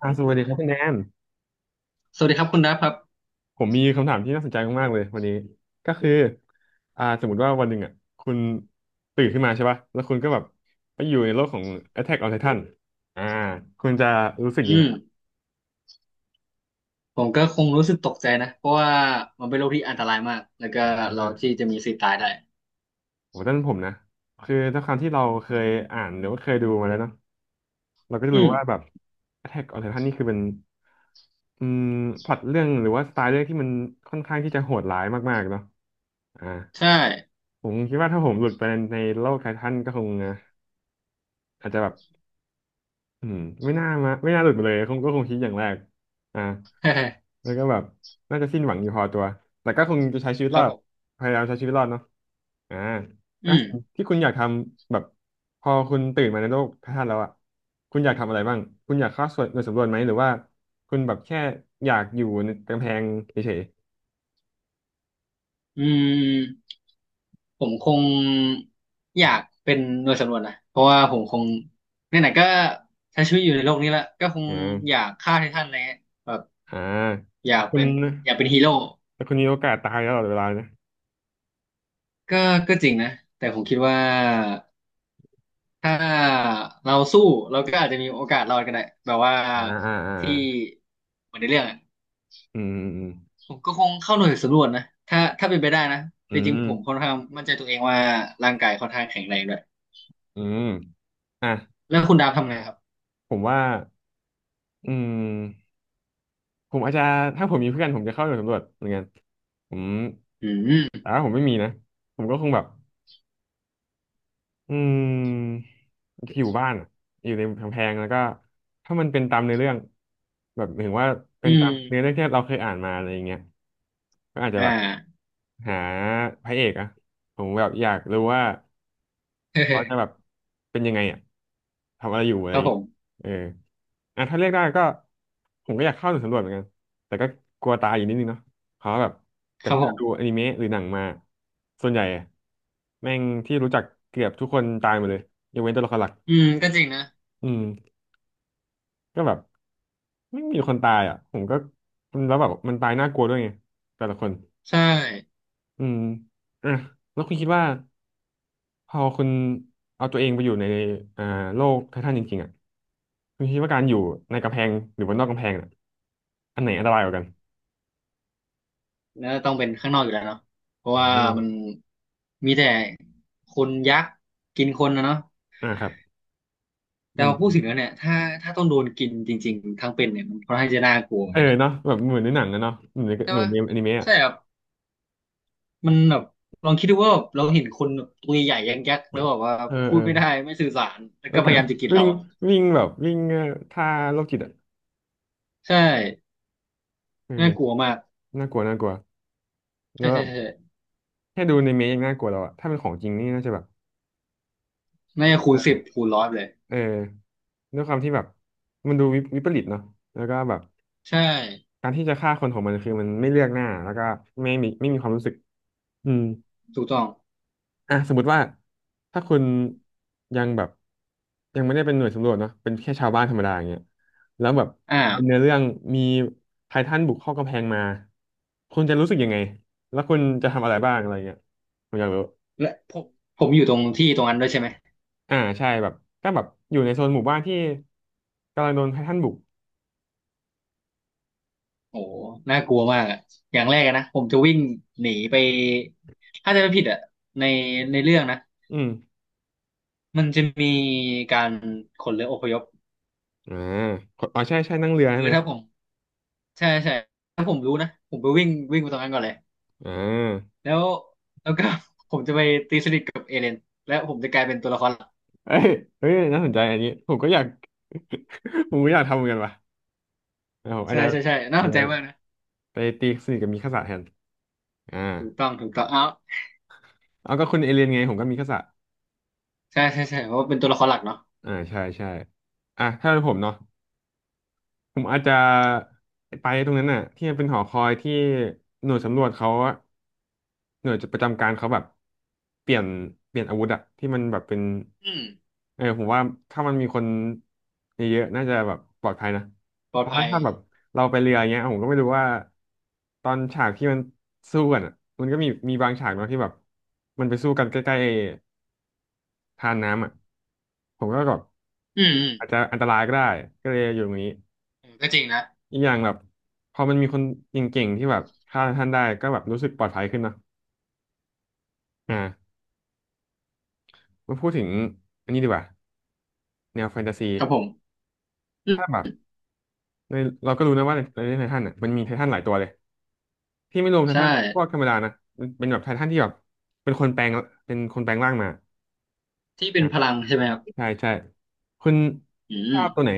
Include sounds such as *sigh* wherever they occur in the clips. สวัสดีครับคุณแนนสวัสดีครับคุณดับครับผมมีคำถามที่น่าสนใจมากๆเลยวันนี้ก็คือสมมติว่าวันหนึ่งอ่ะคุณตื่นขึ้นมาใช่ป่ะแล้วคุณก็แบบไปอยู่ในโลกของ Attack on Titan อ่าคุณจะรู้สึกยังอืไงมครัผมก็คงรู้สึกตกใจนะเพราะว่ามันเป็นโรคที่อันตรายมากแล้วก็เราบ ที่จะมีสิทธิ์ตายได้โหด้านผมนะคือด้วยความที่เราเคยอ่านหรือว่าเคยดูมาแล้วเนาะเราก็จะอืรู้มว่าแบบ Attack on Titan นี่คือเป็นอืมพล็อตเรื่องหรือว่าสไตล์เรื่องที่มันค่อนข้างที่จะโหดร้ายมากๆเนาะอ่าใช่ ผมคิดว่าถ้าผมหลุดไปในโลกไททันก็คงอ่ะอาจจะแบบ อืมไม่น่ามาไม่น่าหลุดมาเลยคงก็คงคิดอย่างแรกอ่า *laughs* แล้วก็แบบน่าจะสิ้นหวังอยู่พอตัวแต่ก็คงจะใช้ชีวิตครรัอบผดมพยายามใช้ชีวิตรอดเนาะอ่าอือ่ะมที่คุณอยากทำแบบพอคุณตื่นมาในโลกพระธาตุแล้วอ่ะคุณอยากทำอะไรบ้างคุณอยากเข้าส่วนหน่วยสำรวจไหมหรือว่าคุณแบบแค่อยากอยู่ในกำแพงเฉยอืมผมคงอยากเป็นหน่วยสำรวจนะเพราะว่าผมคงไหนๆก็ใช้ชีวิตอยู่ในโลกนี้ละก็คๆงอยากฆ่าไททันอะไรเงี้ยแบบอ่าอยาแต่กคุณเป็นอยากเป็นฮีโร่แต่คุณมีโอกาสตายตลอดเวลานะก็ก็จริงนะแต่ผมคิดว่า ถ้าเราสู้เราก็อาจจะมีโอกาสรอดก็ได้แบบว่าอ่าอ่าอ่าที่อ่าเหมือนในเรื่องอะอืมผมก็คงเข้าหน่วยสำรวจนะถ้าเป็นไปได้นะอืแต่จมริงอืๆมผมค่อนข้างมั่นใจตัวเองว่าร่างกายค่อนข้างแข็งแรงด้วยอืมอืมอ่ะแล้วคุณดาวทำไงครับผมว่า อืมผมอาจจะถ้าผมมีเพื่อนผมจะเข้าหน่วยสำรวจเหมือนกันผมอืแต่มว่าผมไม่มีนะผมก็คงแบบอืมอยู่บ้านอะอยู่ในกำแพงแล้วก็ถ้ามันเป็นตามในอเรื่องแบบหมายถึงว่าเป็อืนตามเนื้อเรื่มองที่เราเคยอ่านมาอะไรอย่างเงี้ยก็อาจจะอ่า แบบหาพระเอกอะผมแบบอยากรู้ว่า เขาจะแบบ *laughs* เป็นยังไงอ่ะทำอะไรอยู่อะไรคอรัย่าบงผเงี้ยมเอออ่ะถ้าเรียกได้ก็ผมก็อยากเข้าหน่วยสำรวจเหมือนกันแต่ก็กลัวตายอยู่นิดนึงเนาะเพราะว่าแบบคจากรับที่ผเราดูมอนิเมะหรือหนังมาส่วนใหญ่อะแม่งที่รู้จักเกือบทุกคนตายหมดเลยยกเว้นตัวละครหลักอืมก็จริงนะอืมก็แบบไม่มีคนตายอ่ะผมก็แล้วแบบมันตายน่ากลัวด้วยไงแต่ละคนใช่อืมอ่ะแล้วคุณคิดว่า พอคุณเอาตัวเองไปอยู่ในอ่าโลกไททันจริงๆอ่ะคุณคิดว่าการอยู่ในกำแพงหรือว่านอกกำแพงอ่ะอันไหนอันตรายกว่ากันแล้วต้องเป็นข้างนอกอยู่แล้วเนาะเพราะอืว่ามมันมีแต่คนยักษ์กินคนนะเนาะ ครับอืแต่พอพูดถึงมแล้วเนี่ยถ้าต้องโดนกินจริงๆทั้งเป็นเนี่ยมันค่อนข้างจะน่ากลัวเหมือเอนอกันนะเนาะแบบเหมือนในหนังนะเนาะใช่เหมือนปะในอนิเมะอะใช่ครับมันแบบลองคิดดูว่าแบบเราเห็นคนแบบตัวใหญ่ยักษ์ยักษ์แล้วแบบว่าเออพูเอดอไม่ได้ไม่สื่อสารแล้วแล้ก็วพก็ ยายามจะกิ *laughs* นวิ่เรางวิ่งแบบวิ่งท่าโรคจิตอ่ะใช่น่ากลัเออวมากน่ากลัวน่ากลัวแล้ใช่วแบใช่บใช่แค่ดูในเมะยังน่ากลัวแล้วอ่ะถ้าเป็นของจริงนี่น่าจะแบบน่าจะคูณสิบคูณร้อยเลยเออด้วยความที่แบบมันดูวิวิปริตเนาะแล้วก็แบบ ใช่การที่จะฆ่าคนของมันคือมันไม่เลือกหน้าแล้วก็ไม่มีความรู้สึกอืมถูกต้องอ่ะสมมติว่าถ้าคุณยังแบบยังไม่ได้เป็นหน่วยสำรวจเนาะเป็นแค่ชาวบ้านธรรมดาอย่างเงี้ยแล้วแบบตามเนื้ออ่าเรื่องมีไททันบุกเข้ากำแพงมาคุณจะรู้สึกยังไงแล้วคุณจะทำอะไรบ้างอะไรเงี้ยผมอยากรู้และผมอยู่ตรงที่ตรงนั้นด้วยใช่ไหมใช่แบบก็แบบอยู่ในโซนหมู่บ้านที่กำลังโดนไททันบุกโอ้โหน่ากลัวมากอะอย่างแรกอะนะผมจะวิ่งหนีไปถ้าจะไม่ผิดอะในในเรื่องนะ อืมมันจะมีการขนเรืออพยพอ่าอ๋อใช่ใช่นั่งเรือคืใช่อไหมถ้าผมใช่ใช่ถ้าผมรู้นะผมไปวิ่งวิ่งไปตรงนั้นก่อนเลยอ่า แล้วแล้วก็ *laughs* ผมจะไปตีสนิทกับเอเลนและผมจะกลายเป็นตัวละครหลักเอ้ยเฮ้ยน่าสนใจอันนี้ผมก็อยาก *laughs* ผมก็อยากทำเหมือนกันว่ะเออผมอาจใช่จะใช่ใช่น่าเอสอนใจมากนะไปตีสนิทกับมิคาสะแทนอ่าถูกต้องถูกต้องเอาเอาก็คุณเอเลียนไงผมก็มิคาสะใช่ใช่ใช่เพราะว่าเป็นตัวละครหลักเนาะอ่าใช่ใช่อ่ะถ้าเป็นผมเนาะ ผมอาจจะไปตรงนั้นน่ะที่มันเป็นหอคอยที่หน่วยสำรวจเขาอะหน่วยประจำการเขาแบบเปลี่ยนเปลี่ยนอาวุธอะที่มันแบบเป็นอืมเออผมว่าถ้ามันมีคนเยอะๆน่าจะแบบปลอดภัยนะปลอเพดราะว่าภัยถ้าแบบเราไปเรืออย่างเงี้ยผมก็ไม่รู้ว่าตอนฉากที่มันสู้กันอะมันก็มีบางฉากเนาะที่แบบมันไปสู้กันใกล้ๆทานน้ำอะผมก็แบบอืมอืมอาจจะอันตรายก็ได้ก็เลยอยู่ตรงนี้ เออก็จริงนะอีกอย่างแบบพอมันมีคนเก่งๆที่แบบฆ่าท่านได้ก็แบบรู้สึกปลอดภัยขึ้นเนาะอ่ามาพูดถึงอันนี้ดีกว่าแนวแฟนตาซีครับผมอืถ้าแบมบในเราก็รู้นะว่าในไททันอ่ะมันมีไททันหลายตัวเลยที่ไม่รวมไทใช่ทันพวกธรรมดานะมันเป็นแบบไททันที่แบบเป็นคนแปลงเป็นคนแปลงร่างมาที่เป็นอ่ะพลังใช่ไหมครับใช่ใช่คุณอืชอมบตัวไหน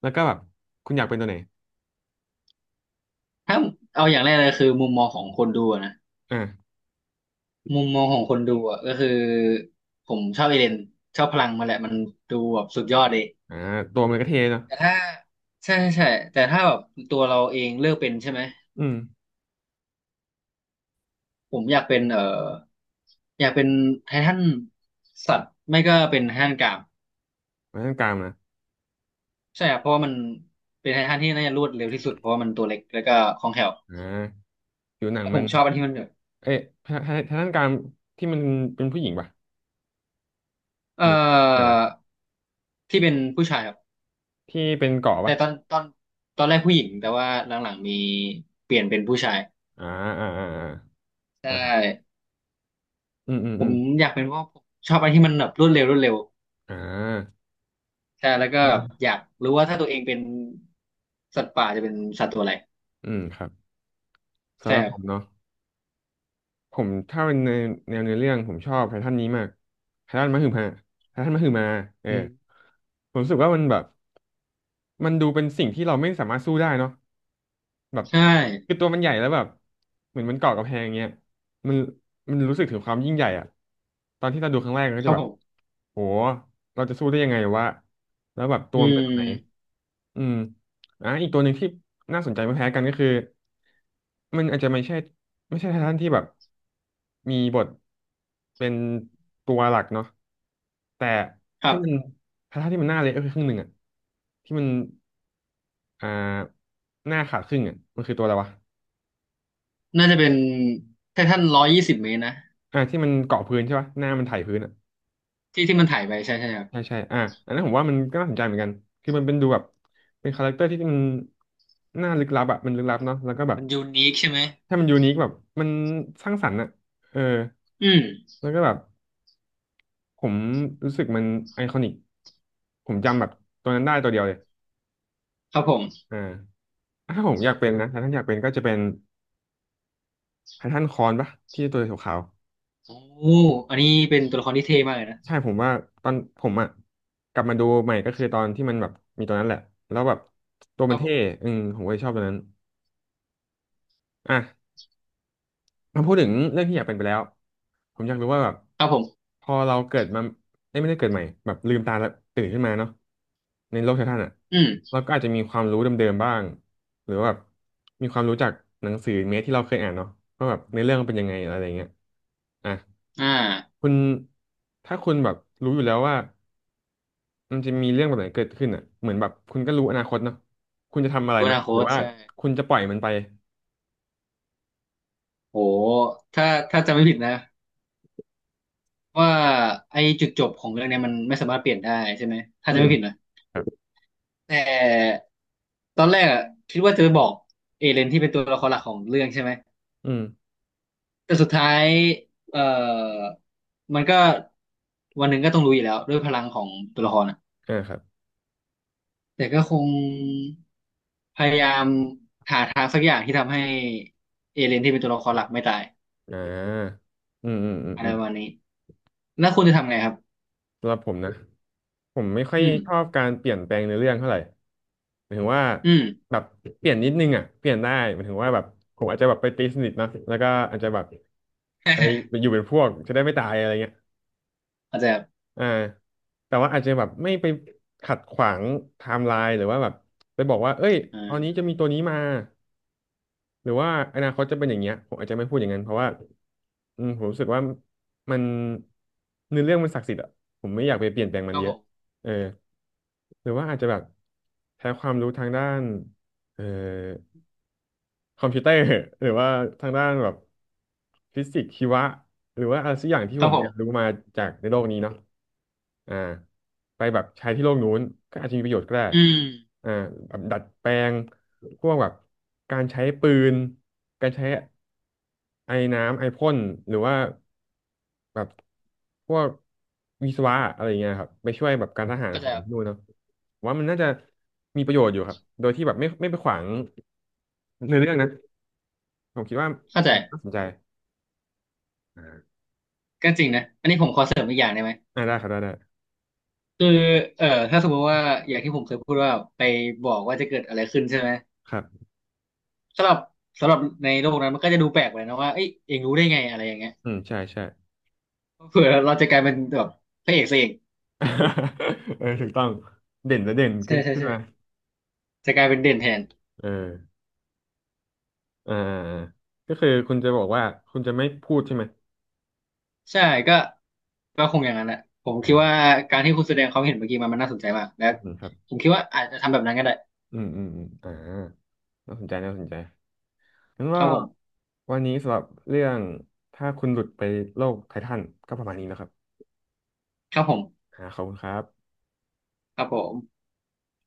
แล้วก็แบบคุณอยากเป็นตัวไหนถ้าเอาอย่างแรกเลยคือมุมมองของคนดูอะนะ อ่ามุมมองของคนดูอ่ะก็คือผมชอบเอเลนชอบพลังมาแหละมันดูแบบสุดยอดเลยอ่าตัวมันก็เท่เนาะแต่ถ้าใช่ใช่ใช่แต่ถ้าแบบตัวเราเองเลือกเป็นใช่ไหมอืมผมอยากเป็นอยากเป็นไททันสัตว์ไม่ก็เป็นไททันกรามไว้ตรงกลางนะใช่ครับเพราะว่ามันเป็นไททันที่น่าจะรวดเร็วที่สุดเพราะว่ามันตัวเล็กแล้วก็คล่องแคล่วอ่าผิวหนังแล้วผมัน มชอบอันที่มันแบบเอ๊ะทางทางด้านการที่มันเป็นผู้หญิงป่ะเอ่หรือไหนอวะที่เป็นผู้ชายครับที่เป็นเกาะแต่ป่ะตอนแรกผู้หญิงแต่ว่าหลังๆมีเปลี่ยนเป็นผู้ชายอ่าอ่าอ่าอ่าใชนะครับ่ อืมอืมผอืมมอยากเป็นเพราะผมชอบอะไรที่มันแบบรวดเร็วรวดเร็วอ่าใช่แล้วก็อืมอยากรู้ว่าถ้าตัวเองเป็นสัตว์ป่าจะเป็นสัตว์ตัวอะไรอืมครับสำใช่หรับครัผบมเนาะผมถ้าเป็นในแนวเนื้อเรื่องผมชอบไททันนี้มากไททันมหึมาไททันมหึมาเอออืมผมรู้สึกว่ามันแบบมันดูเป็นสิ่งที่เราไม่สามารถสู้ได้เนาะ แบบใช่คือตัวมันใหญ่แล้วแบบเหมือนมันเกาะกำแพงเงี้ยมันมันรู้สึกถึงความยิ่งใหญ่อะตอนที่เราดูครั้งแรกเราก็ครัจะบแบผบมโหเราจะสู้ได้ยังไงวะแล้วแบบตัอืวมันเป็นแบบไหนมอืมอ่ะอีกตัวหนึ่งที่น่าสนใจไม่แพ้กันก็คือมันอาจจะไม่ใช่ไททันที่แบบมีบทเป็นตัวหลักเนาะแต่ครัที่บมันไททันที่มันหน้าเละก็คือครึ่งหนึ่งอะที่มัน อ่าหน้าขาดครึ่งอ่ะมันคือตัวอะไรวะน่าจะเป็นไททัน120 เมตรนะอ่าที่มันเกาะพื้นใช่ปะหน้ามันไถพื้นอ่ะที่ที่มันถ่ายไปใช่ใช่ครับใช่ใช่อ่าอันนั้นผมว่ามันก็น่าสนใจเหมือนกันคือมันเป็นดูแบบเป็นคาแรคเตอร์ที่มันหน้าลึกลับอ่ะมันลึกลับเนาะแล้วก็แบบมันยูนิคใช่ไหมถ้ามันยูนิคแบบมันสร้างสรรค์อ่ะเอออืมแล้วก็แบบผมรู้สึกมันไอคอนิกผมจำแบบตัวนั้นได้ตัวเดียวเลยครับผมอ่าถ้าผมอยากเป็นนะถ้าท่านอยากเป็นก็จะเป็นไททันคอนปะที่ตัวขาว โอ้อันนี้เป็นตัวละครที่เท่มากเลยนะใช่ผมว่าตอนผมอ่ะกลับมาดูใหม่ก็คือตอนที่มันแบบมีตัวนั้นแหละแล้วแบบตัวคมัรันบผเท่มอืมผมก็เลยชอบตัวนั้นอ่ะมาพูดถึงเรื่องที่อยากเป็นไปแล้วผมอยากรู้ว่าแบบครับผมพอเราเกิดมาเอ้ยไม่ได้เกิดใหม่แบบลืมตาแล้วตื่นขึ้นมาเนาะในโลกไททันอ่ะอืมเราก็อาจจะมีความรู้เดิมๆบ้างหรือว่าแบบมีความรู้จากหนังสือเมสที่เราเคยอ่านเนาะว่าแบบในอเรื่องมันเป็นยังไงอะไรอย่างเงี้ยอ่ะอ่าคุณถ้าคุณแบบรู้อยู่แล้วว่า มันจะมีเรื่องแบบไหนเกิดขึ้นอ่ะเหมือนแบบคุณก็รู้อนาคตเนาะคุณจะทำอะไรรู้อไหมนาคหรือตว่าใช่คุณจะปล่อยมันไปโหถ้าจำไม่ผิดนะ ว่าไอ้จุดจบของเรื่องเนี้ยมันไม่สามารถเปลี่ยนได้ใช่ไหมถ้าอืจะมไม่ผิดนะครับแต่ตอนแรกอะคิดว่าจะไปบอกเอเลนที่เป็นตัวละครหลักของเรื่องใช่ไหมอืมแต่สุดท้ายเอ่อมันก็วันหนึ่งก็ต้องรู้อยู่แล้วด้วยพลังของตัวละครอะอ่าครับแต่ก็คงพยายามหาทางสักอย่างที่ทำให้เอเลนที่เป็นตัวละครหลักไม่ตายอ่าอืมอืมอืมอะไรอืมประมาณนี้แล้วคุณจะทำไงครับสำหรับผมนะผมไม่ค่อยอืมชอบการเปลี่ยนแปลงในอเรื่องเท่าไหร่หมายถึงว่าอืม แบบเปลี่ยนนิดนึงอ่ะเปลี่ยนได้หมายถึงว่าแบบผมอาจจะแบบไปตีสนิทเนอะแล้วก็อาจจะแบบไปไปอ *laughs* อยู่เป็นพวกจะได้ไม่ตายอะไรเงี้ย าจจะอ่าแต่ว่าอาจจะแบบไม่ไปขัดขวางไทม์ไลน์หรือว่าแบบไปบอกว่าเอ้ยอตอนนี้จะ่ามีตัวนี้มาหรือว่าอนาคตจะเป็นอย่างเงี้ยผมอาจจะไม่พูดอย่างนั้นเพราะว่าอืมผมรู้สึกว่ามันเนื้อเรื่องมันศักดิ์สิทธิ์อะผมไม่อยากไปเปลี่ยนแปลงมัคนรับเยผอะมเออหรือว่าอาจจะแบบใช้ความรู้ทางด้านเออ คอมพิวเตอร์ *laughs* หรือว่าทางด้านแบบฟิสิกส์ชีวะหรือว่าอะไรสักอย่างที่คผรับมผเรียนม รู้มาจากในโลกนี้เนาะอ่าไปแบบใช้ที่โลกนู้นก็อาจจะมีประโยชน์ก็ได้อืมอ่าแบบดัดแปลงพวกแบบการใช้ปืนการใช้ไอ้น้ำไอพ่นหรือว่าแบบพวกวิศวะอะไรอย่างเงี้ยครับไปช่วยแบบการทหารเข้าขใจองครับที่นู่นเนาะผมว่ามันน่าจะมีประโยชน์อยู่ครับโดยที่แบบไม่ไปขวางในอเรื่องนะ ผมคิดว่าเข้าใจน่าสนใจอ่าก็จริงนะอันนี้ผมขอเสริมอีกอย่างได้ไหมอ่าได้ครับได้ได้คือถ้าสมมติว่าอย่างที่ผมเคยพูดว่าไปบอกว่าจะเกิดอะไรขึ้นใช่ไหมครับสำหรับสำหรับในโลกนั้นมันก็จะดูแปลกไปนะว่าเอ้ยเองรู้ได้ไงอะไรอย่างเงี้ยอืมใช่ใช่ เผื่อเราจะกลายเป็นแบบพระเอกซะเอง *laughs* เออถูกต้องเด่นและเด่นใช่ขึ้นใช่ขึ้นใช่มาจะกลายเป็นเด่นแทนเอออ่าก็คือคุณจะบอกว่าคุณจะไม่พูดใช่ไหมใช่ก็ก็คงอย่างนั้นแหละผมอ่าคิดครัว่าบการที่คุณแสดงความเห็นเมื่อกี้มันน่าสนใจมากและอืมครับผมคิดว่าอาจจะทำแบบนั้นก็ได้อืมอืมอืมน่าสนใจน่าสนใจงั้นคว่ารับผมวันนี้สำหรับเรื่องถ้าคุณหลุดไปโลกไททันก็ประมาณนี้นะครับครับผมอ่าขอบคุณครับครับผม